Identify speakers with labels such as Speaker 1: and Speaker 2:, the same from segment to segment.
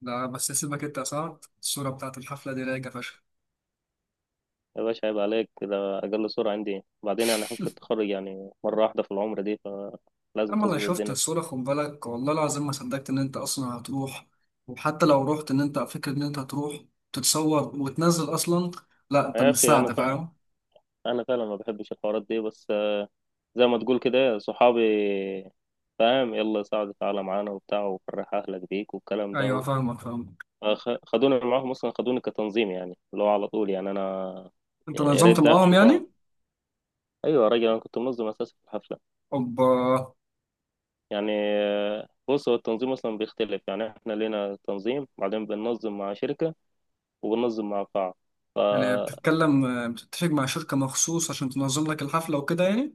Speaker 1: لا، بس سيبك انت يا سعد، الصورة بتاعت الحفلة دي رايقة فشخ.
Speaker 2: يا باشا، عيب عليك. ده أقل سرعة عندي. وبعدين يعني حفلة التخرج يعني مرة واحدة في العمر دي، فلازم
Speaker 1: أما أنا
Speaker 2: تظبط
Speaker 1: شفت
Speaker 2: الدنيا.
Speaker 1: الصورة خد بالك، والله العظيم ما صدقت إن أنت أصلا هتروح، وحتى لو رحت إن أنت فكرة إن أنت هتروح تتصور وتنزل أصلا. لا، أنت
Speaker 2: يا
Speaker 1: مش
Speaker 2: أخي، أنا
Speaker 1: ساعدة
Speaker 2: فعلا
Speaker 1: فاهم.
Speaker 2: أنا فعلا ما بحبش الحوارات دي، بس زي ما تقول كده صحابي فاهم. يلا سعد تعالى معانا وبتاع، وفرح أهلك بيك والكلام
Speaker 1: أيوه
Speaker 2: ده.
Speaker 1: فاهمك فاهمك.
Speaker 2: خدوني معاهم، أصلا خدوني كتنظيم يعني، اللي هو على طول، يعني أنا
Speaker 1: أنت
Speaker 2: يا ريت
Speaker 1: نظمت
Speaker 2: داخل
Speaker 1: معاهم
Speaker 2: اللي هو.
Speaker 1: يعني؟
Speaker 2: أيوة يا راجل، أنا كنت منظم أساسا في الحفلة
Speaker 1: أوبا.
Speaker 2: يعني. بص، هو التنظيم أصلا بيختلف. يعني إحنا لينا تنظيم، بعدين بننظم مع شركة وبننظم مع بعض. ف
Speaker 1: يعني بتتفق مع شركة مخصوص عشان تنظم لك الحفلة وكده يعني؟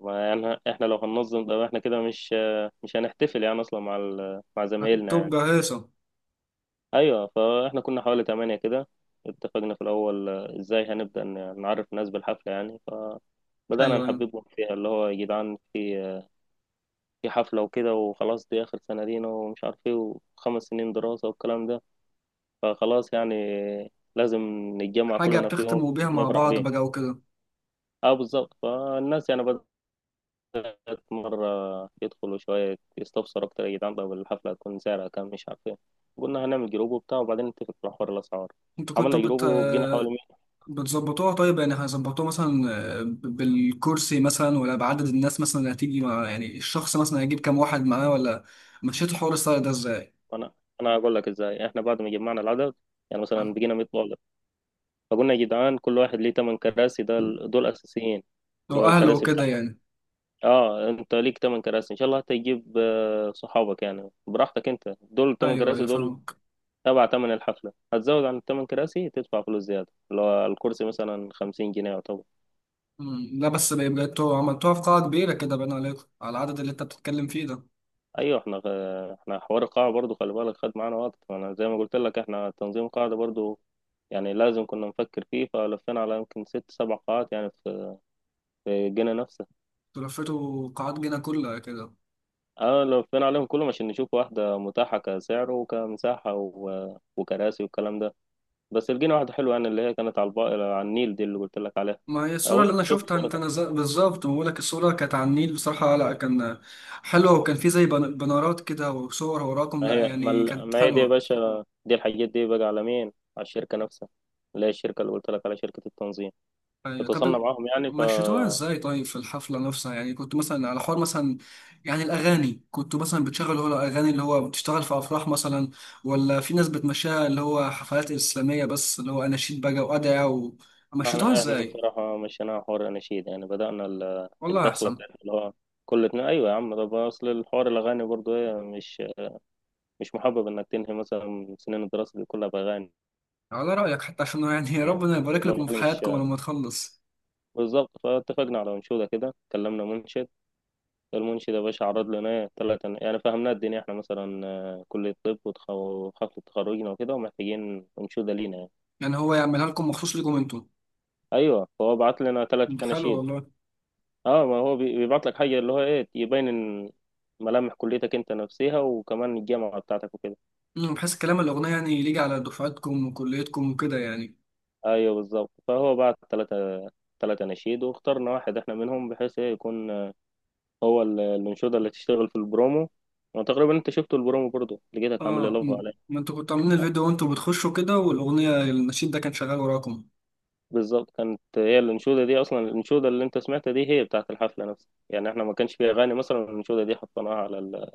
Speaker 2: ما يعني احنا لو هننظم ده، احنا كده مش هنحتفل يعني اصلا مع مع زمايلنا يعني.
Speaker 1: هتبقى هيصة.
Speaker 2: ايوه، فاحنا كنا حوالي تمانية كده. اتفقنا في الاول، ازاي هنبدا نعرف الناس بالحفله يعني، فبدانا
Speaker 1: أيوه أيوه.
Speaker 2: نحببهم فيها، اللي هو يا جدعان في في حفله وكده، وخلاص دي اخر سنه لينا ومش عارف ايه، وخمس سنين دراسه والكلام ده، فخلاص يعني لازم نتجمع
Speaker 1: حاجة
Speaker 2: كلنا في يوم
Speaker 1: بتختموا بيها مع
Speaker 2: نفرح
Speaker 1: بعض
Speaker 2: بيه.
Speaker 1: بقى وكده.
Speaker 2: اه بالظبط. فالناس يعني مرة يدخلوا شوية يستفسروا أكتر، يا جدعان طب الحفلة هتكون سعرها كام، مش عارف إيه. قلنا هنعمل جروب وبتاع، وبعدين نتفق على حوار الأسعار.
Speaker 1: أنتوا كنتوا
Speaker 2: عملنا جروب
Speaker 1: بت...
Speaker 2: وبقينا حوالي 100.
Speaker 1: بتظبطوها طيب، يعني هيظبطوها مثلا بالكرسي مثلا ولا بعدد الناس مثلا اللي هتيجي، مع يعني الشخص مثلا هيجيب كام واحد معاه، ولا مشيت الحوار الصغير ده ازاي؟
Speaker 2: أنا أنا هقول لك إزاي. إحنا بعد ما جمعنا العدد، يعني مثلا بقينا 100 طالب، فقلنا يا جدعان كل واحد ليه 8 كراسي، ده دول أساسيين، اللي
Speaker 1: لو
Speaker 2: هو
Speaker 1: اهله
Speaker 2: الكراسي بتاع،
Speaker 1: وكده يعني.
Speaker 2: اه انت ليك 8 كراسي، ان شاء الله هتجيب صحابك يعني براحتك، انت دول 8
Speaker 1: ايوه ايوه
Speaker 2: كراسي. دول
Speaker 1: فاهمك.
Speaker 2: تبع تمن الحفله. هتزود عن الثمان كراسي تدفع فلوس زياده، اللي هو الكرسي مثلا 50 جنيه يعتبر.
Speaker 1: مم. لا، بس بقيتوا عملتوها في قاعة كبيرة كده باين عليكم على العدد اللي انت بتتكلم فيه ده؟
Speaker 2: ايوه. احنا حوار القاعه برضو، خلي بالك خد معانا وقت. انا زي ما قلت لك، احنا تنظيم قاعده برضو، يعني لازم كنا نفكر فيه. فلفينا على يمكن ست سبع قاعات، يعني في الجنة نفسها.
Speaker 1: تلفتوا قاعات جنة كلها كده؟
Speaker 2: اه، لفينا عليهم كلهم عشان نشوف واحده متاحه كسعر وكمساحه وكراسي والكلام ده. بس لقينا واحده حلوه يعني، اللي هي كانت على على النيل، دي اللي قلت لك عليها.
Speaker 1: ما هي الصورة اللي
Speaker 2: اول
Speaker 1: أنا
Speaker 2: شوف
Speaker 1: شفتها أنت
Speaker 2: صورتها.
Speaker 1: نزل بالظبط، بقول لك الصورة كانت على النيل، بصراحة لا كان حلوة، وكان في زي بنارات كده وصور وراكم، لا يعني كانت
Speaker 2: ما هي دي يا
Speaker 1: حلوة.
Speaker 2: باشا، دي الحاجات دي بقى على مين؟ على الشركه نفسها، اللي هي الشركه اللي قلت لك، على شركه التنظيم.
Speaker 1: أيوة.
Speaker 2: اتواصلنا
Speaker 1: طب
Speaker 2: معاهم يعني.
Speaker 1: مشيتوها ازاي طيب في الحفلة نفسها يعني، كنت مثلا على حوار مثلا يعني الأغاني، كنت مثلا بتشغل هو الأغاني اللي هو بتشتغل في أفراح مثلا، ولا في ناس بتمشيها اللي هو حفلات إسلامية بس، اللي هو أناشيد بقى وأدعية، ومشيتوها
Speaker 2: احنا
Speaker 1: ازاي؟
Speaker 2: بصراحة مشيناها حوار أناشيد يعني. بدأنا
Speaker 1: والله
Speaker 2: الدخلة
Speaker 1: أحسن.
Speaker 2: بتاعتنا، اللي هو كل اتنين. أيوة يا عم، طب أصل الحوار الأغاني برضو إيه، مش محبب إنك تنهي مثلا سنين الدراسة دي كلها بأغاني
Speaker 1: على رأيك حتى، عشان يعني
Speaker 2: يعني،
Speaker 1: ربنا يبارك
Speaker 2: لو
Speaker 1: لكم في
Speaker 2: يعني مش
Speaker 1: حياتكم لما تخلص.
Speaker 2: بالظبط. فاتفقنا على أنشودة كده، كلمنا منشد. المنشد يا باشا عرض لنا إيه، تلاتة. يعني فهمنا الدنيا، إحنا مثلا كلية طب وحفلة تخرجنا وكده، ومحتاجين أنشودة لينا يعني.
Speaker 1: يعني هو يعملها لكم مخصوص لكم انتوا؟
Speaker 2: أيوة، فهو بعت لنا تلات
Speaker 1: حلو
Speaker 2: أناشيد.
Speaker 1: والله.
Speaker 2: اه، ما هو بيبعت لك حاجة اللي هو ايه، يبين إن ملامح كليتك انت نفسها، وكمان الجامعة بتاعتك وكده.
Speaker 1: بحيث كلام الأغنية يعني يليق على دفعتكم وكليتكم وكده يعني.
Speaker 2: ايوه بالظبط. فهو بعت ثلاثة نشيد، واخترنا واحد احنا منهم، بحيث ايه يكون هو الانشودة اللي تشتغل في البرومو. وتقريبا انت شفته البرومو برضه، لقيتك عامل لي
Speaker 1: اه.
Speaker 2: لف
Speaker 1: مم.
Speaker 2: عليه.
Speaker 1: ما انتوا كنتوا عاملين
Speaker 2: آه،
Speaker 1: الفيديو وانتوا بتخشوا كده، والاغنيه النشيد ده كان شغال وراكم.
Speaker 2: بالظبط، كانت هي الانشودة دي اصلا. الانشودة اللي انت سمعتها دي هي بتاعت الحفلة نفسها، يعني احنا ما كانش فيها اغاني مثلا. الانشودة دي حطيناها على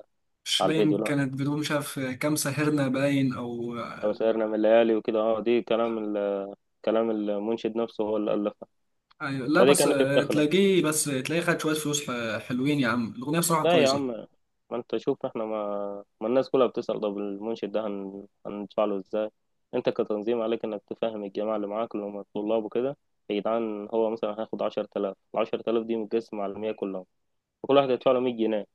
Speaker 1: مش
Speaker 2: على الفيديو.
Speaker 1: باين،
Speaker 2: لا،
Speaker 1: كانت بدون، مش عارف كام ساهرنا باين او.
Speaker 2: لو سهرنا من الليالي وكده، اه دي كلام كلام المنشد نفسه، هو اللي ألف.
Speaker 1: أيوة. لا،
Speaker 2: فدي
Speaker 1: بس
Speaker 2: كانت الدخلة.
Speaker 1: تلاقيه، بس تلاقيه خد شويه فلوس، حلوين يا عم الاغنيه بصراحه
Speaker 2: لا يا
Speaker 1: كويسه.
Speaker 2: عم، ما انت شوف، احنا ما, ما الناس كلها بتسأل طب المنشد ده هندفع له ازاي. انت كتنظيم عليك انك تفهم الجماعة اللي معاك، اللي هم الطلاب وكده. يا جدعان، هو مثلا هياخد 10000 دي متقسمة على 100 كلهم، فكل واحد يدفع له 100 جنيه.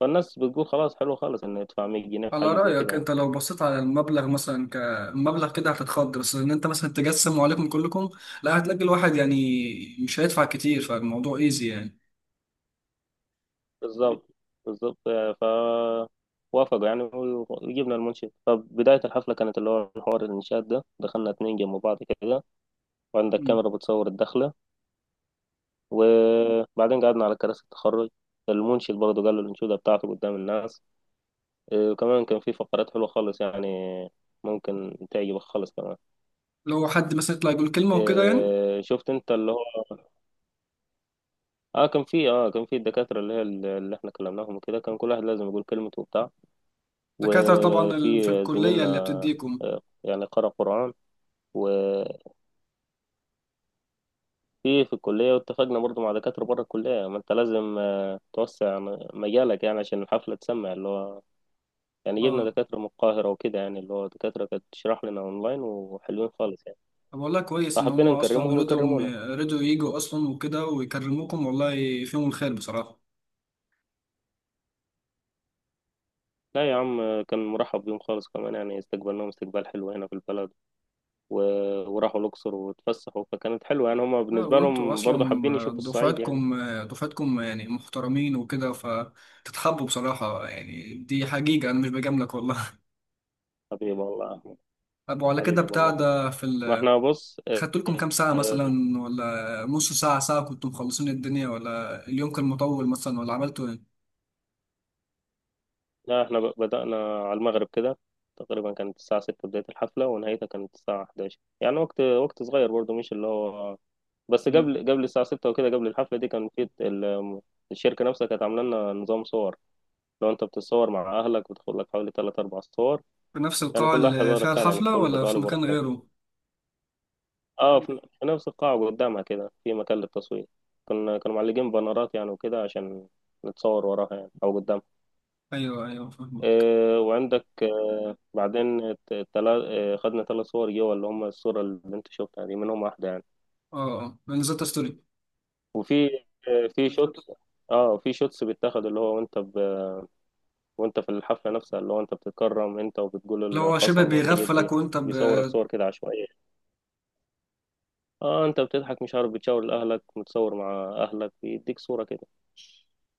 Speaker 2: فالناس بتقول خلاص حلو خالص انه يدفع 100 جنيه في
Speaker 1: على
Speaker 2: حاجة زي كده
Speaker 1: رايك
Speaker 2: يعني.
Speaker 1: انت لو بصيت على المبلغ مثلا كمبلغ كده هتتخض، بس ان انت مثلا تجسم وعليكم كلكم، لا، هتلاقي الواحد يعني مش هيدفع كتير، فالموضوع ايزي يعني.
Speaker 2: بالظبط بالظبط. ف وافقوا يعني، وجبنا المنشد. فبداية الحفلة كانت اللي هو حوار الإنشاد ده، دخلنا اتنين جنب بعض كده، وعندك
Speaker 1: مم.
Speaker 2: كاميرا بتصور الدخلة، وبعدين قعدنا على كراسي التخرج. المنشد برضه قال له الأنشودة بتاعته قدام الناس. وكمان كان في فقرات حلوة خالص يعني، ممكن تعجبك خالص كمان.
Speaker 1: لو حد مثلا يطلع يقول كلمه وكده يعني.
Speaker 2: شفت انت اللي هو، اه، كان في الدكاترة، اللي هي اللي احنا كلمناهم وكده، كان كل واحد لازم يقول كلمته وبتاع.
Speaker 1: دكاتره طبعا في
Speaker 2: وفي
Speaker 1: الكليه
Speaker 2: زميلنا
Speaker 1: اللي بتديكم.
Speaker 2: يعني قرأ قرآن. وفي الكلية. واتفقنا برضه مع دكاترة بره الكلية، ما انت لازم توسع مجالك يعني عشان الحفلة تسمع اللي هو. يعني جبنا
Speaker 1: اه.
Speaker 2: دكاترة من القاهرة وكده، يعني اللي هو دكاترة كانت تشرح لنا أونلاين وحلوين خالص يعني،
Speaker 1: طب والله كويس ان هم
Speaker 2: فحبينا
Speaker 1: اصلا
Speaker 2: نكرمهم
Speaker 1: رضوا
Speaker 2: ويكرمونا.
Speaker 1: رضوا يجوا اصلا وكده ويكرموكم، والله فيهم الخير بصراحه.
Speaker 2: لا يا عم، كان مرحب بيهم خالص كمان يعني، استقبلناهم استقبال حلو هنا في البلد، و... وراحوا الأقصر واتفسحوا. فكانت حلوة يعني، هما
Speaker 1: لا،
Speaker 2: بالنسبة
Speaker 1: وانتوا
Speaker 2: لهم برضه حابين يشوفوا
Speaker 1: اصلا
Speaker 2: الصعيد يعني.
Speaker 1: دفعتكم يعني محترمين وكده فتتحبوا بصراحه، يعني دي حقيقه انا مش بجاملك والله.
Speaker 2: حبيب الله أحمد.
Speaker 1: طب وعلى كده
Speaker 2: حبيب
Speaker 1: بتاع
Speaker 2: الله فتحي.
Speaker 1: ده في
Speaker 2: ما
Speaker 1: ال...
Speaker 2: احنا بص،
Speaker 1: خدت لكم كام ساعه
Speaker 2: اه،
Speaker 1: مثلا ولا نص ساعه ساعه كنتوا مخلصين الدنيا، ولا اليوم كان مطول مثلا، ولا عملتوا ايه؟
Speaker 2: لا، احنا بدأنا على المغرب كده. تقريبا كانت الساعة 6 بداية الحفلة، ونهايتها كانت الساعة 11 يعني. وقت صغير برضه، مش اللي هو. بس
Speaker 1: مم.
Speaker 2: قبل الساعة 6 وكده، قبل الحفلة دي، كان في الشركة نفسها كانت عاملة لنا نظام صور. لو أنت بتتصور مع أهلك بتاخد لك حوالي تلات أربع صور،
Speaker 1: في نفس
Speaker 2: يعني
Speaker 1: القاعه
Speaker 2: كل واحد
Speaker 1: اللي
Speaker 2: ورا
Speaker 1: فيها
Speaker 2: التاني، يعني
Speaker 1: الحفله
Speaker 2: كل
Speaker 1: ولا في
Speaker 2: طالب ورا
Speaker 1: مكان
Speaker 2: التاني.
Speaker 1: غيره؟
Speaker 2: أه، في نفس القاعة قدامها كده، في مكان للتصوير. كانوا معلقين بانرات يعني وكده، عشان نتصور وراها يعني أو قدامها.
Speaker 1: ايوه ايوه فاهمك.
Speaker 2: وعندك إيه بعدين، الت- التلا إيه خدنا ثلاث صور جوا، اللي هم الصورة اللي أنت شفتها دي منهم واحدة يعني.
Speaker 1: اه اه، انا نزلت ستوري.
Speaker 2: وفي إيه في شوت اه في شوتس بيتاخد، اللي هو وانت في الحفلة نفسها، اللي هو انت بتتكرم انت
Speaker 1: لو
Speaker 2: وبتقول
Speaker 1: هو شبه
Speaker 2: القسم والحاجات
Speaker 1: بيغفلك
Speaker 2: دي،
Speaker 1: وانت ب...
Speaker 2: بيصورك صور كده عشوائية. اه انت بتضحك مش عارف، بتشاور لأهلك، متصور مع أهلك، بيديك صورة كده.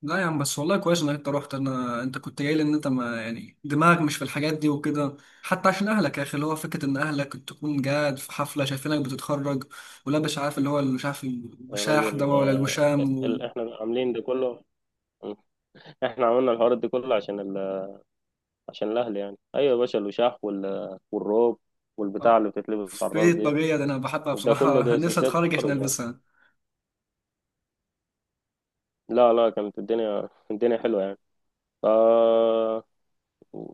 Speaker 1: لا يا عم، بس والله كويس انك انت رحت، انت كنت جاي لي ان انت ما يعني دماغك مش في الحاجات دي وكده، حتى عشان اهلك يا اخي، اللي هو فكره ان اهلك تكون قاعد في حفله شايفينك بتتخرج ولابس، عارف اللي هو مش عارف
Speaker 2: يا
Speaker 1: الوشاح ده
Speaker 2: راجل،
Speaker 1: ولا الوشام وال...
Speaker 2: احنا عاملين ده كله. احنا عملنا الحوار ده كله عشان عشان الأهل يعني. ايوه يا باشا، الوشاح والروب والبتاع
Speaker 1: اه.
Speaker 2: اللي بتتلبس على
Speaker 1: في
Speaker 2: الراس دي.
Speaker 1: الطاقيه ده انا بحبها
Speaker 2: ده كله
Speaker 1: بصراحه.
Speaker 2: ده
Speaker 1: نفسي
Speaker 2: اساسيات
Speaker 1: اتخرج عشان
Speaker 2: الخرج يعني.
Speaker 1: البسها.
Speaker 2: لا لا، كانت الدنيا حلوة يعني. ف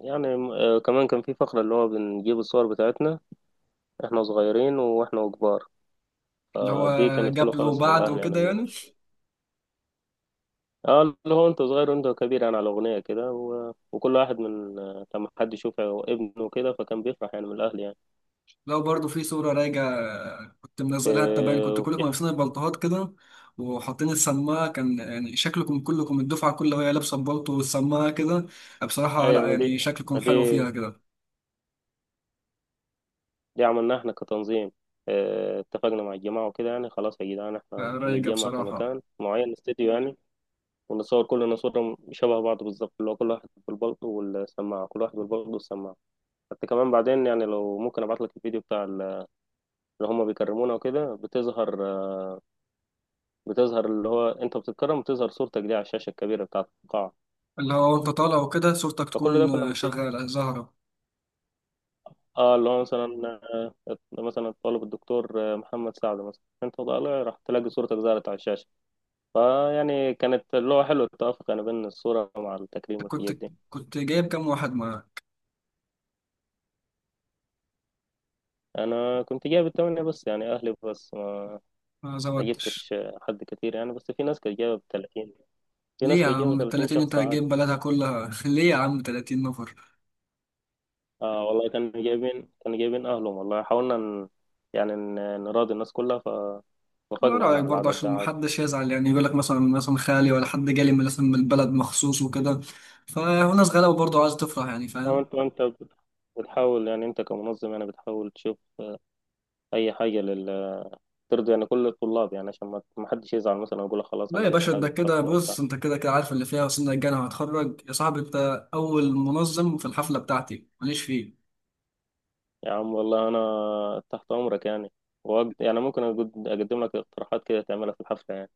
Speaker 2: يعني كمان كان في فقرة اللي هو بنجيب الصور بتاعتنا، احنا صغيرين واحنا كبار.
Speaker 1: اللي هو
Speaker 2: فدي كانت حلوة
Speaker 1: قبل
Speaker 2: خالص
Speaker 1: وبعد
Speaker 2: للأهل، يعني
Speaker 1: وكده
Speaker 2: انه
Speaker 1: يعني.
Speaker 2: اه اللي هو انت صغير وانت كبير، يعني على أغنية كده وكل واحد من، لما حد يشوف ابنه كده فكان بيفرح يعني من الأهل يعني.
Speaker 1: لو برضو في صورة راجعة كنت منزلها انت، باين
Speaker 2: اه
Speaker 1: كنت
Speaker 2: وفي،
Speaker 1: كلكم لابسين البلطوهات كده، وحاطين السماعة، كان يعني شكلكم كلكم الدفعة كلها وهي لابسة البلطو والسماعة كده، بصراحة لا
Speaker 2: أيوة. ما دي
Speaker 1: يعني شكلكم
Speaker 2: ما
Speaker 1: حلو
Speaker 2: دي
Speaker 1: فيها كده.
Speaker 2: دي عملناها احنا كتنظيم. اه اتفقنا مع الجماعة وكده يعني، خلاص يا جدعان احنا
Speaker 1: رايقة
Speaker 2: هنتجمع في
Speaker 1: بصراحة.
Speaker 2: مكان معين، استديو يعني. ونصور كلنا صورة شبه بعض بالظبط، اللي هو كل واحد بالبلطو والسماعة، كل واحد بالبلطو والسماعة. حتى كمان بعدين يعني، لو ممكن أبعت لك الفيديو بتاع اللي هم بيكرمونا وكده، بتظهر اللي هو انت بتتكرم، بتظهر صورتك دي على الشاشه الكبيره بتاعه القاعه.
Speaker 1: اللي هو انت طالع وكده صورتك
Speaker 2: فكل ده كنا
Speaker 1: تكون
Speaker 2: بت...
Speaker 1: شغالة زهرة.
Speaker 2: اه اللي هو مثلا الطالب الدكتور محمد سعد مثلا، انت طالع راح تلاقي صورتك ظهرت على الشاشه، فيعني كانت اللي هو حلو التوافق يعني بين الصوره مع التكريم
Speaker 1: كنت
Speaker 2: والحاجات دي.
Speaker 1: كنت جايب كام واحد معاك؟
Speaker 2: انا كنت جايب التمانية بس، يعني اهلي بس.
Speaker 1: ما
Speaker 2: ما
Speaker 1: زودتش.
Speaker 2: جبتش حد كتير يعني، بس في
Speaker 1: ليه
Speaker 2: ناس
Speaker 1: يا
Speaker 2: كانت جايبه
Speaker 1: عم
Speaker 2: 30
Speaker 1: 30، انت
Speaker 2: شخص عادي.
Speaker 1: هتجيب بلدها كلها؟ ليه يا عم 30 نفر؟
Speaker 2: اه والله، كانوا جايبين اهلهم. والله حاولنا نراضي الناس كلها،
Speaker 1: على
Speaker 2: فوافقنا يعني
Speaker 1: رأيك
Speaker 2: على
Speaker 1: برضه
Speaker 2: العدد
Speaker 1: عشان
Speaker 2: ده عادي.
Speaker 1: محدش يزعل يعني، يقول لك مثلا خالي ولا حد جالي مثلا من البلد مخصوص وكده، فالناس غلابة برضه عايزة تفرح يعني،
Speaker 2: أو
Speaker 1: فاهم.
Speaker 2: بتحاول يعني، انت كمنظم يعني بتحاول تشوف اي حاجه ترضي يعني كل الطلاب يعني، عشان ما حدش يزعل، مثلا يقول لك خلاص
Speaker 1: لا
Speaker 2: انا
Speaker 1: يا
Speaker 2: مش
Speaker 1: باشا، انت
Speaker 2: حابب
Speaker 1: كده
Speaker 2: حفله وبتاع.
Speaker 1: بص، انت كده كده عارف اللي فيها، وسنك الجنة وهتخرج يا صاحبي، انت أول منظم في الحفلة بتاعتي ماليش فيه.
Speaker 2: يا عم والله، انا تحت امرك يعني، وأقد... يعني ممكن أقد... اقدم لك اقتراحات كده تعملها في الحفله يعني.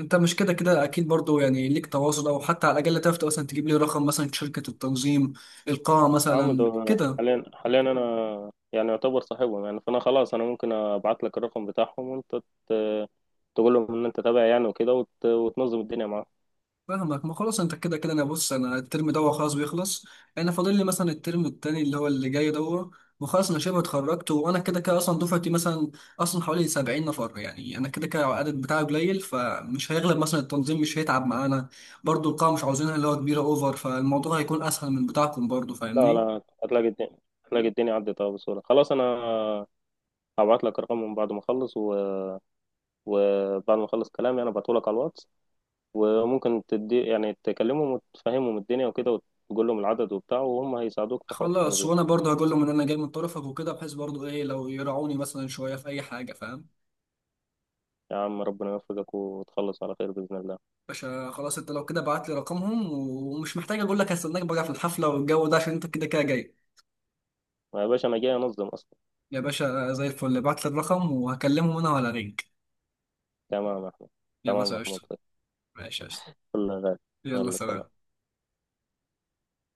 Speaker 1: انت مش كده كده اكيد برضه يعني ليك تواصل، او حتى على الاقل تعرف مثلا تجيب لي رقم مثلا شركة التنظيم، القاعة
Speaker 2: عم ده،
Speaker 1: مثلا كده.
Speaker 2: حاليا انا يعني يعتبر صاحبهم يعني، فانا خلاص انا ممكن ابعت لك الرقم بتاعهم، وانت ت- تقول لهم ان انت تابع يعني وكده، وتنظم الدنيا معاهم.
Speaker 1: فاهمك، ما خلاص انت كده كده، بص انا الترم ده خلاص بيخلص، انا فاضل لي مثلا الترم التاني اللي هو اللي جاي ده، وخلاص انا شبه اتخرجت، وانا كده كده اصلا دفعتي مثلا اصلا حوالي 70 نفر يعني، انا كده كده العدد بتاعي قليل فمش هيغلب مثلا التنظيم، مش هيتعب معانا. برضو القاعة مش عاوزينها اللي هو كبيرة اوفر، فالموضوع هيكون اسهل من بتاعكم برضو،
Speaker 2: لا
Speaker 1: فاهمني.
Speaker 2: لا، هتلاقي الدنيا عدت بسهولة. خلاص انا هبعت لك رقمهم بعد ما اخلص، وبعد ما اخلص كلامي انا بعته لك على الواتس، وممكن تدي يعني تكلمهم وتفهمهم الدنيا وكده، وتقول لهم العدد وبتاع، وهم هيساعدوك في حوار
Speaker 1: خلاص،
Speaker 2: التنظيم.
Speaker 1: وانا برضو هقول لهم ان انا جاي من طرفك وكده، بحيث برضو ايه لو يراعوني مثلا شوية في اي حاجة، فاهم.
Speaker 2: يا عم ربنا يوفقك وتخلص على خير بإذن الله.
Speaker 1: باشا خلاص، انت لو كده بعت لي رقمهم، ومش محتاج اقول لك هستناك بقى في الحفله والجو ده عشان انت كده كده جاي.
Speaker 2: ما يا باشا، انا جاي انظم اصلا.
Speaker 1: يا باشا زي الفل، بعت لي الرقم وهكلمهم انا ولا رينج.
Speaker 2: تمام يا أحمد.
Speaker 1: يا
Speaker 2: تمام يا
Speaker 1: باشا
Speaker 2: محمود،
Speaker 1: قشطه.
Speaker 2: في
Speaker 1: ماشي قشطه.
Speaker 2: كل غالي.
Speaker 1: يلا
Speaker 2: يلا
Speaker 1: سلام.
Speaker 2: سلام.